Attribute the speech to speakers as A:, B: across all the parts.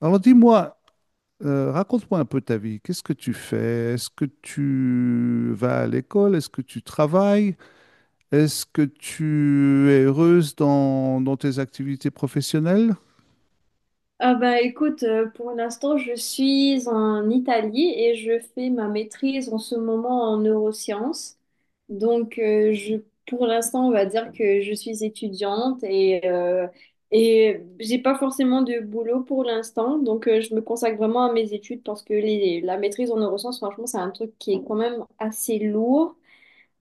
A: Alors dis-moi, raconte-moi un peu ta vie. Qu'est-ce que tu fais? Est-ce que tu vas à l'école? Est-ce que tu travailles? Est-ce que tu es heureuse dans tes activités professionnelles?
B: Ah bah écoute, pour l'instant, je suis en Italie et je fais ma maîtrise en ce moment en neurosciences. Donc, pour l'instant, on va dire que je suis étudiante et j'ai pas forcément de boulot pour l'instant. Donc, je me consacre vraiment à mes études parce que la maîtrise en neurosciences, franchement, c'est un truc qui est quand même assez lourd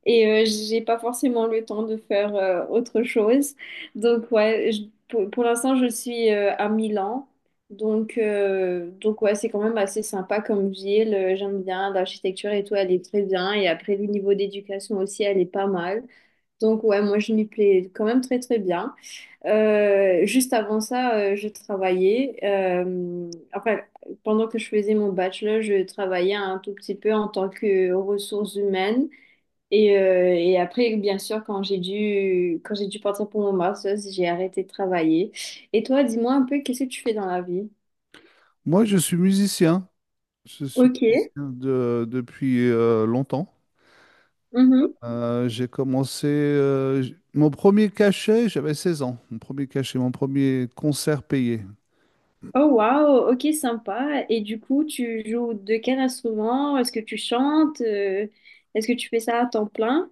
B: et j'ai pas forcément le temps de faire autre chose. Donc ouais, pour l'instant je suis à Milan. Donc ouais, c'est quand même assez sympa comme ville. J'aime bien l'architecture et tout, elle est très bien. Et après, le niveau d'éducation aussi, elle est pas mal. Donc ouais, moi, je m'y plais quand même très très bien. Juste avant ça, je travaillais. Pendant que je faisais mon bachelor, je travaillais un tout petit peu en tant que ressources humaines. Et après, bien sûr, quand j'ai dû partir pour mon master's, j'ai arrêté de travailler. Et toi, dis-moi un peu, qu'est-ce que tu fais dans la vie?
A: Moi, je suis musicien. Je suis
B: Ok.
A: depuis longtemps.
B: Mhm.
A: J'ai commencé mon premier cachet, j'avais 16 ans. Mon premier cachet, mon premier concert payé.
B: Oh, wow. Ok, sympa. Et du coup, tu joues de quel instrument? Est-ce que tu chantes? Est-ce que tu fais ça à temps plein?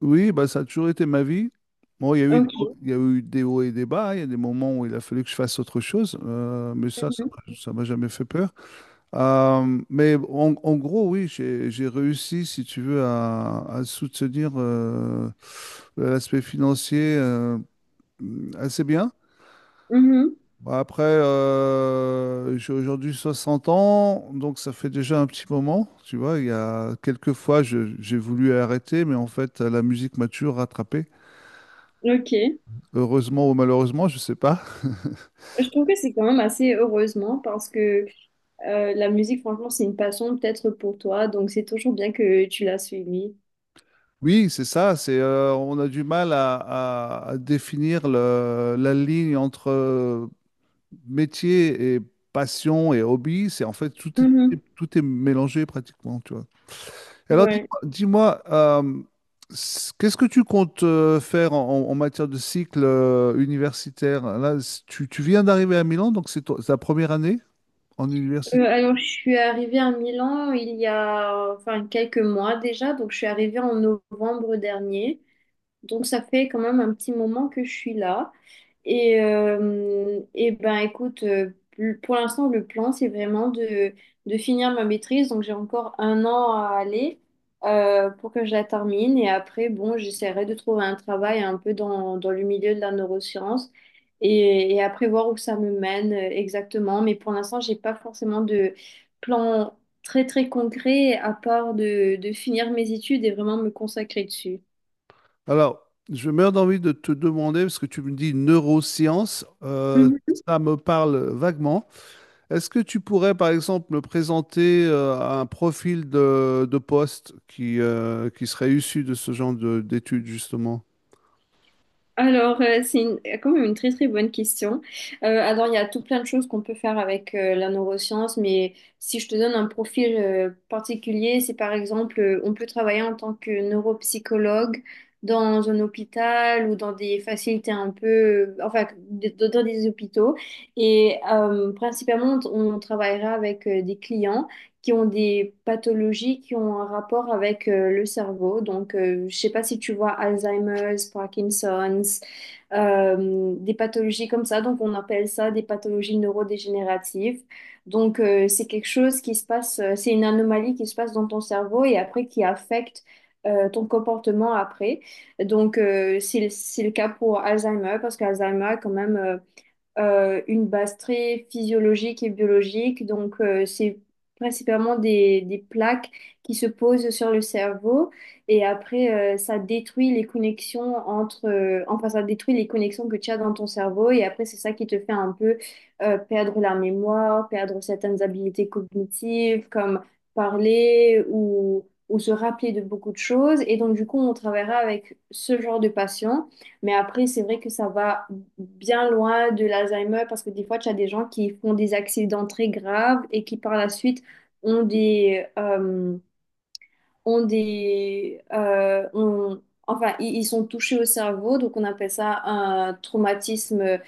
A: Oui, bah, ça a toujours été ma vie. Bon,
B: Ok.
A: il y a eu des hauts et des bas. Il y a des moments où il a fallu que je fasse autre chose. Mais ça,
B: Mhm.
A: ça m'a jamais fait peur. Mais en gros, oui, j'ai réussi, si tu veux, à soutenir l'aspect financier assez bien.
B: Mhm.
A: Bah, après, j'ai aujourd'hui 60 ans, donc ça fait déjà un petit moment. Tu vois, il y a quelques fois, j'ai voulu arrêter, mais en fait, la musique m'a toujours rattrapé.
B: Ok.
A: Heureusement ou malheureusement, je sais pas.
B: Je trouve que c'est quand même assez heureusement parce que la musique, franchement, c'est une passion peut-être pour toi. Donc, c'est toujours bien que tu l'as suivie.
A: Oui, c'est ça. C'est on a du mal à définir la ligne entre métier et passion et hobby. C'est en fait
B: Mhm.
A: tout est mélangé pratiquement, tu vois. Et Alors
B: Ouais.
A: dis-moi, dis-moi, euh, s- qu'est-ce que tu comptes faire en matière de cycle universitaire? Là, tu viens d'arriver à Milan, donc c'est ta première année en université.
B: Alors, je suis arrivée à Milan il y a enfin quelques mois déjà, donc je suis arrivée en novembre dernier. Donc ça fait quand même un petit moment que je suis là. Et ben écoute, pour l'instant, le plan, c'est vraiment de finir ma maîtrise. Donc j'ai encore un an à aller pour que je la termine. Et après, bon, j'essaierai de trouver un travail un peu dans le milieu de la neuroscience et après voir où ça me mène exactement. Mais pour l'instant, j'ai pas forcément de plan très très concret à part de finir mes études et vraiment me consacrer dessus.
A: Alors, je meurs d'envie de te demander, parce que tu me dis neurosciences, ça me parle vaguement. Est-ce que tu pourrais, par exemple, me présenter un profil de poste qui serait issu de ce genre d'études, justement?
B: Alors, quand même une très très bonne question. Alors, il y a tout plein de choses qu'on peut faire avec la neuroscience, mais si je te donne un profil particulier, c'est par exemple, on peut travailler en tant que neuropsychologue dans un hôpital ou dans des facilités un peu, dans des hôpitaux. Et principalement, on travaillera avec des clients qui ont des pathologies qui ont un rapport avec le cerveau. Donc, je sais pas si tu vois Alzheimer's, Parkinson's, des pathologies comme ça. Donc, on appelle ça des pathologies neurodégénératives. Donc, c'est quelque chose qui se passe, c'est une anomalie qui se passe dans ton cerveau et après qui affecte ton comportement après. Donc, c'est le cas pour Alzheimer parce qu'Alzheimer, quand même, une base très physiologique et biologique. Donc, c'est principalement des plaques qui se posent sur le cerveau et après, ça détruit les connexions entre, ça détruit les connexions que tu as dans ton cerveau et après, c'est ça qui te fait un peu perdre la mémoire, perdre certaines habilités cognitives comme parler, ou se rappeler de beaucoup de choses. Et donc, du coup, on travaillera avec ce genre de patients. Mais après, c'est vrai que ça va bien loin de l'Alzheimer parce que des fois, tu as des gens qui font des accidents très graves et qui par la suite ont des, euh, ont des, ont- enfin, ils sont touchés au cerveau, donc on appelle ça un traumatisme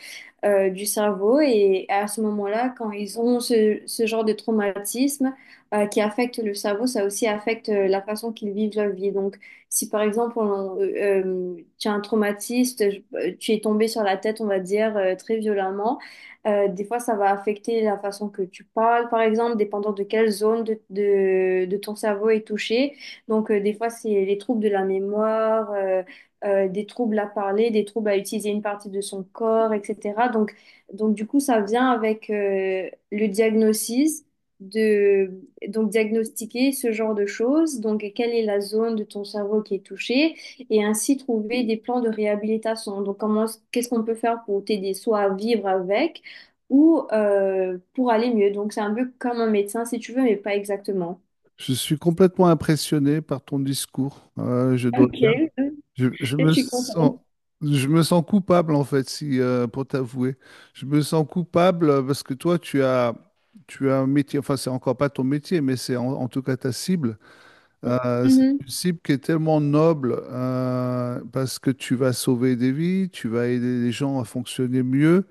B: du cerveau. Et à ce moment-là, quand ils ont ce genre de traumatisme qui affecte le cerveau, ça aussi affecte la façon qu'ils vivent leur vie. Donc, si par exemple, tu as un traumatiste, tu es tombé sur la tête, on va dire, très violemment, des fois, ça va affecter la façon que tu parles, par exemple, dépendant de quelle zone de ton cerveau est touchée. Donc, des fois, c'est les troubles de la mémoire. Des troubles à parler, des troubles à utiliser une partie de son corps, etc. Donc du coup, ça vient avec le diagnostic de donc diagnostiquer ce genre de choses. Donc, quelle est la zone de ton cerveau qui est touchée et ainsi trouver des plans de réhabilitation. Donc, comment, qu'est-ce qu'on peut faire pour t'aider soit à vivre avec ou pour aller mieux. Donc, c'est un peu comme un médecin si tu veux, mais pas exactement.
A: Je suis complètement impressionné par ton discours. Je dois
B: Ok,
A: dire, je, je
B: je
A: me
B: suis contente.
A: sens, je me sens coupable en fait, si pour t'avouer, je me sens coupable parce que toi, tu as un métier. Enfin, c'est encore pas ton métier, mais c'est en tout cas ta cible. C'est
B: Mhm.
A: une cible qui est tellement noble parce que tu vas sauver des vies, tu vas aider les gens à fonctionner mieux,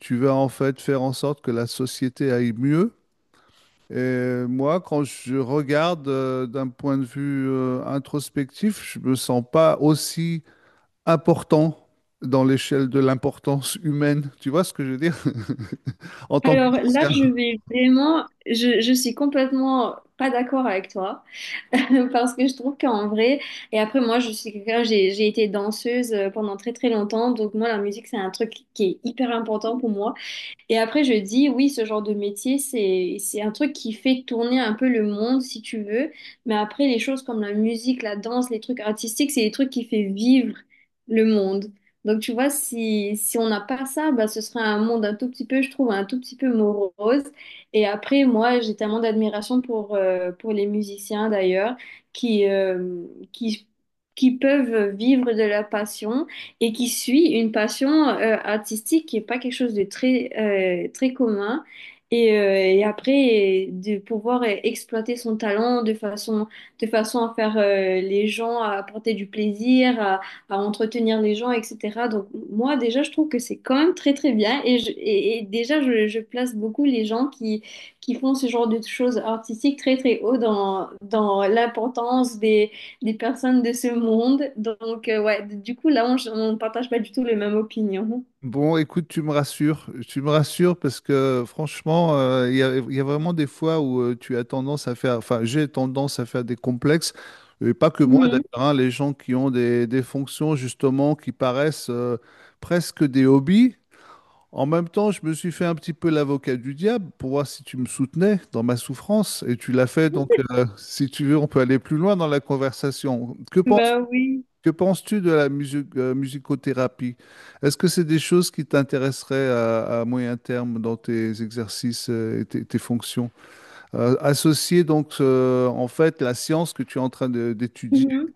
A: tu vas en fait faire en sorte que la société aille mieux. Et moi, quand je regarde d'un point de vue introspectif, je me sens pas aussi important dans l'échelle de l'importance humaine. Tu vois ce que je veux dire? En tant que
B: Alors là,
A: musicien.
B: je vais vraiment, je suis complètement pas d'accord avec toi parce que je trouve qu'en vrai, et après moi, je suis quelqu'un, j'ai été danseuse pendant très très longtemps, donc moi, la musique, c'est un truc qui est hyper important pour moi. Et après, je dis, oui, ce genre de métier, c'est un truc qui fait tourner un peu le monde, si tu veux. Mais après, les choses comme la musique, la danse, les trucs artistiques, c'est des trucs qui fait vivre le monde. Donc, tu vois, si on n'a pas ça, bah, ce serait un monde un tout petit peu, je trouve, un tout petit peu morose. Et après, moi, j'ai tellement d'admiration pour les musiciens, d'ailleurs, qui, euh, qui, qui peuvent vivre de leur passion et qui suit une passion artistique qui n'est pas quelque chose de très commun. Et après, de pouvoir exploiter son talent de façon à faire les gens, à apporter du plaisir, à entretenir les gens, etc. Donc moi, déjà, je trouve que c'est quand même très, très bien. Et déjà, je place beaucoup les gens qui font ce genre de choses artistiques très, très haut dans l'importance des personnes de ce monde. Donc, ouais, du coup, là, on ne partage pas du tout les mêmes opinions.
A: Bon, écoute, tu me rassures. Tu me rassures parce que franchement, il y a vraiment des fois où tu as tendance à faire, enfin, j'ai tendance à faire des complexes. Et pas que moi d'ailleurs,
B: Mhm.
A: hein, les gens qui ont des fonctions justement qui paraissent presque des hobbies. En même temps, je me suis fait un petit peu l'avocat du diable pour voir si tu me soutenais dans ma souffrance, et tu l'as fait, donc si tu veux, on peut aller plus loin dans la conversation.
B: Bah oui.
A: Que penses-tu de la musicothérapie? Est-ce que c'est des choses qui t'intéresseraient à moyen terme dans tes exercices et tes fonctions? Associer donc en fait la science que tu es en train d'étudier
B: Mhm.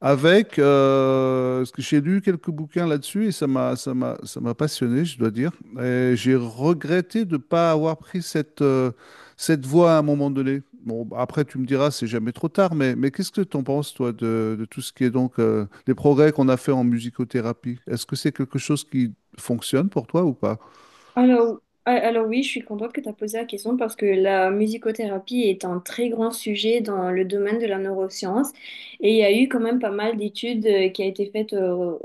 A: avec, parce que j'ai lu quelques bouquins là-dessus et ça m'a passionné, je dois dire. Et j'ai regretté de ne pas avoir pris cette, cette voie à un moment donné. Bon, après, tu me diras, c'est jamais trop tard, mais qu'est-ce que tu en penses, toi, de tout ce qui est donc les progrès qu'on a fait en musicothérapie? Est-ce que c'est quelque chose qui fonctionne pour toi ou pas?
B: Alors, alors oui, je suis contente que tu as posé la question parce que la musicothérapie est un très grand sujet dans le domaine de la neuroscience et il y a eu quand même pas mal d'études qui a été faites euh,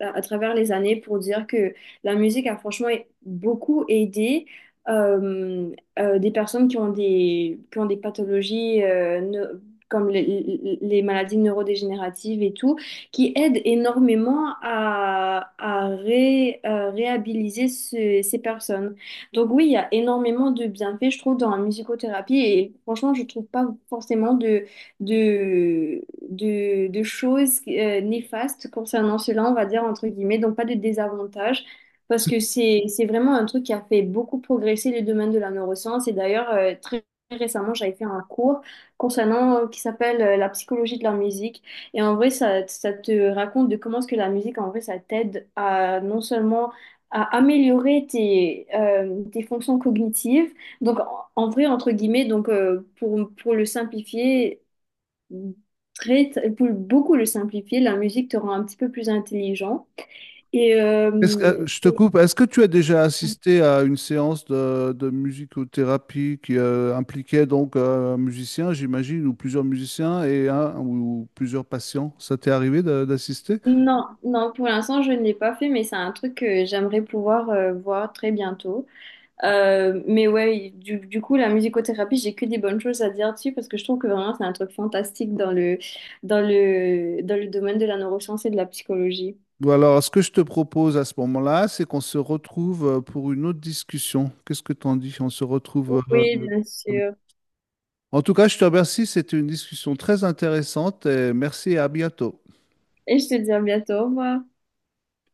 B: à, à travers les années pour dire que la musique a franchement beaucoup aidé euh, des personnes qui ont des pathologies comme les maladies neurodégénératives et tout qui aide énormément réhabiliter ces personnes. Donc oui, il y a énormément de bienfaits, je trouve, dans la musicothérapie et franchement, je trouve pas forcément de, de choses néfastes concernant cela, on va dire, entre guillemets, donc pas de désavantages. Parce que c'est vraiment un truc qui a fait beaucoup progresser le domaine de la neuroscience. Et d'ailleurs, très récemment, j'avais fait un cours concernant qui s'appelle la psychologie de la musique. Et en vrai, ça te raconte de comment est-ce que la musique, en vrai, ça t'aide à non seulement à améliorer tes fonctions cognitives, donc en vrai, entre guillemets, donc pour le simplifier, pour beaucoup le simplifier, la musique te rend un petit peu plus intelligent. Et, euh,
A: Je te
B: et-
A: coupe. Est-ce que tu as déjà assisté à une séance de musicothérapie qui impliquait donc un musicien, j'imagine, ou plusieurs musiciens et un ou plusieurs patients? Ça t'est arrivé d'assister?
B: non, non, pour l'instant, je ne l'ai pas fait, mais c'est un truc que j'aimerais pouvoir voir très bientôt. Mais ouais, du coup, la musicothérapie, j'ai que des bonnes choses à dire dessus parce que je trouve que vraiment c'est un truc fantastique dans le, dans le domaine de la neuroscience et de la psychologie.
A: Ou alors, ce que je te propose à ce moment-là, c'est qu'on se retrouve pour une autre discussion. Qu'est-ce que t'en dis? On se retrouve.
B: Oui, bien sûr.
A: En tout cas, je te remercie. C'était une discussion très intéressante et merci et à bientôt.
B: Et je te dis à bientôt, au revoir.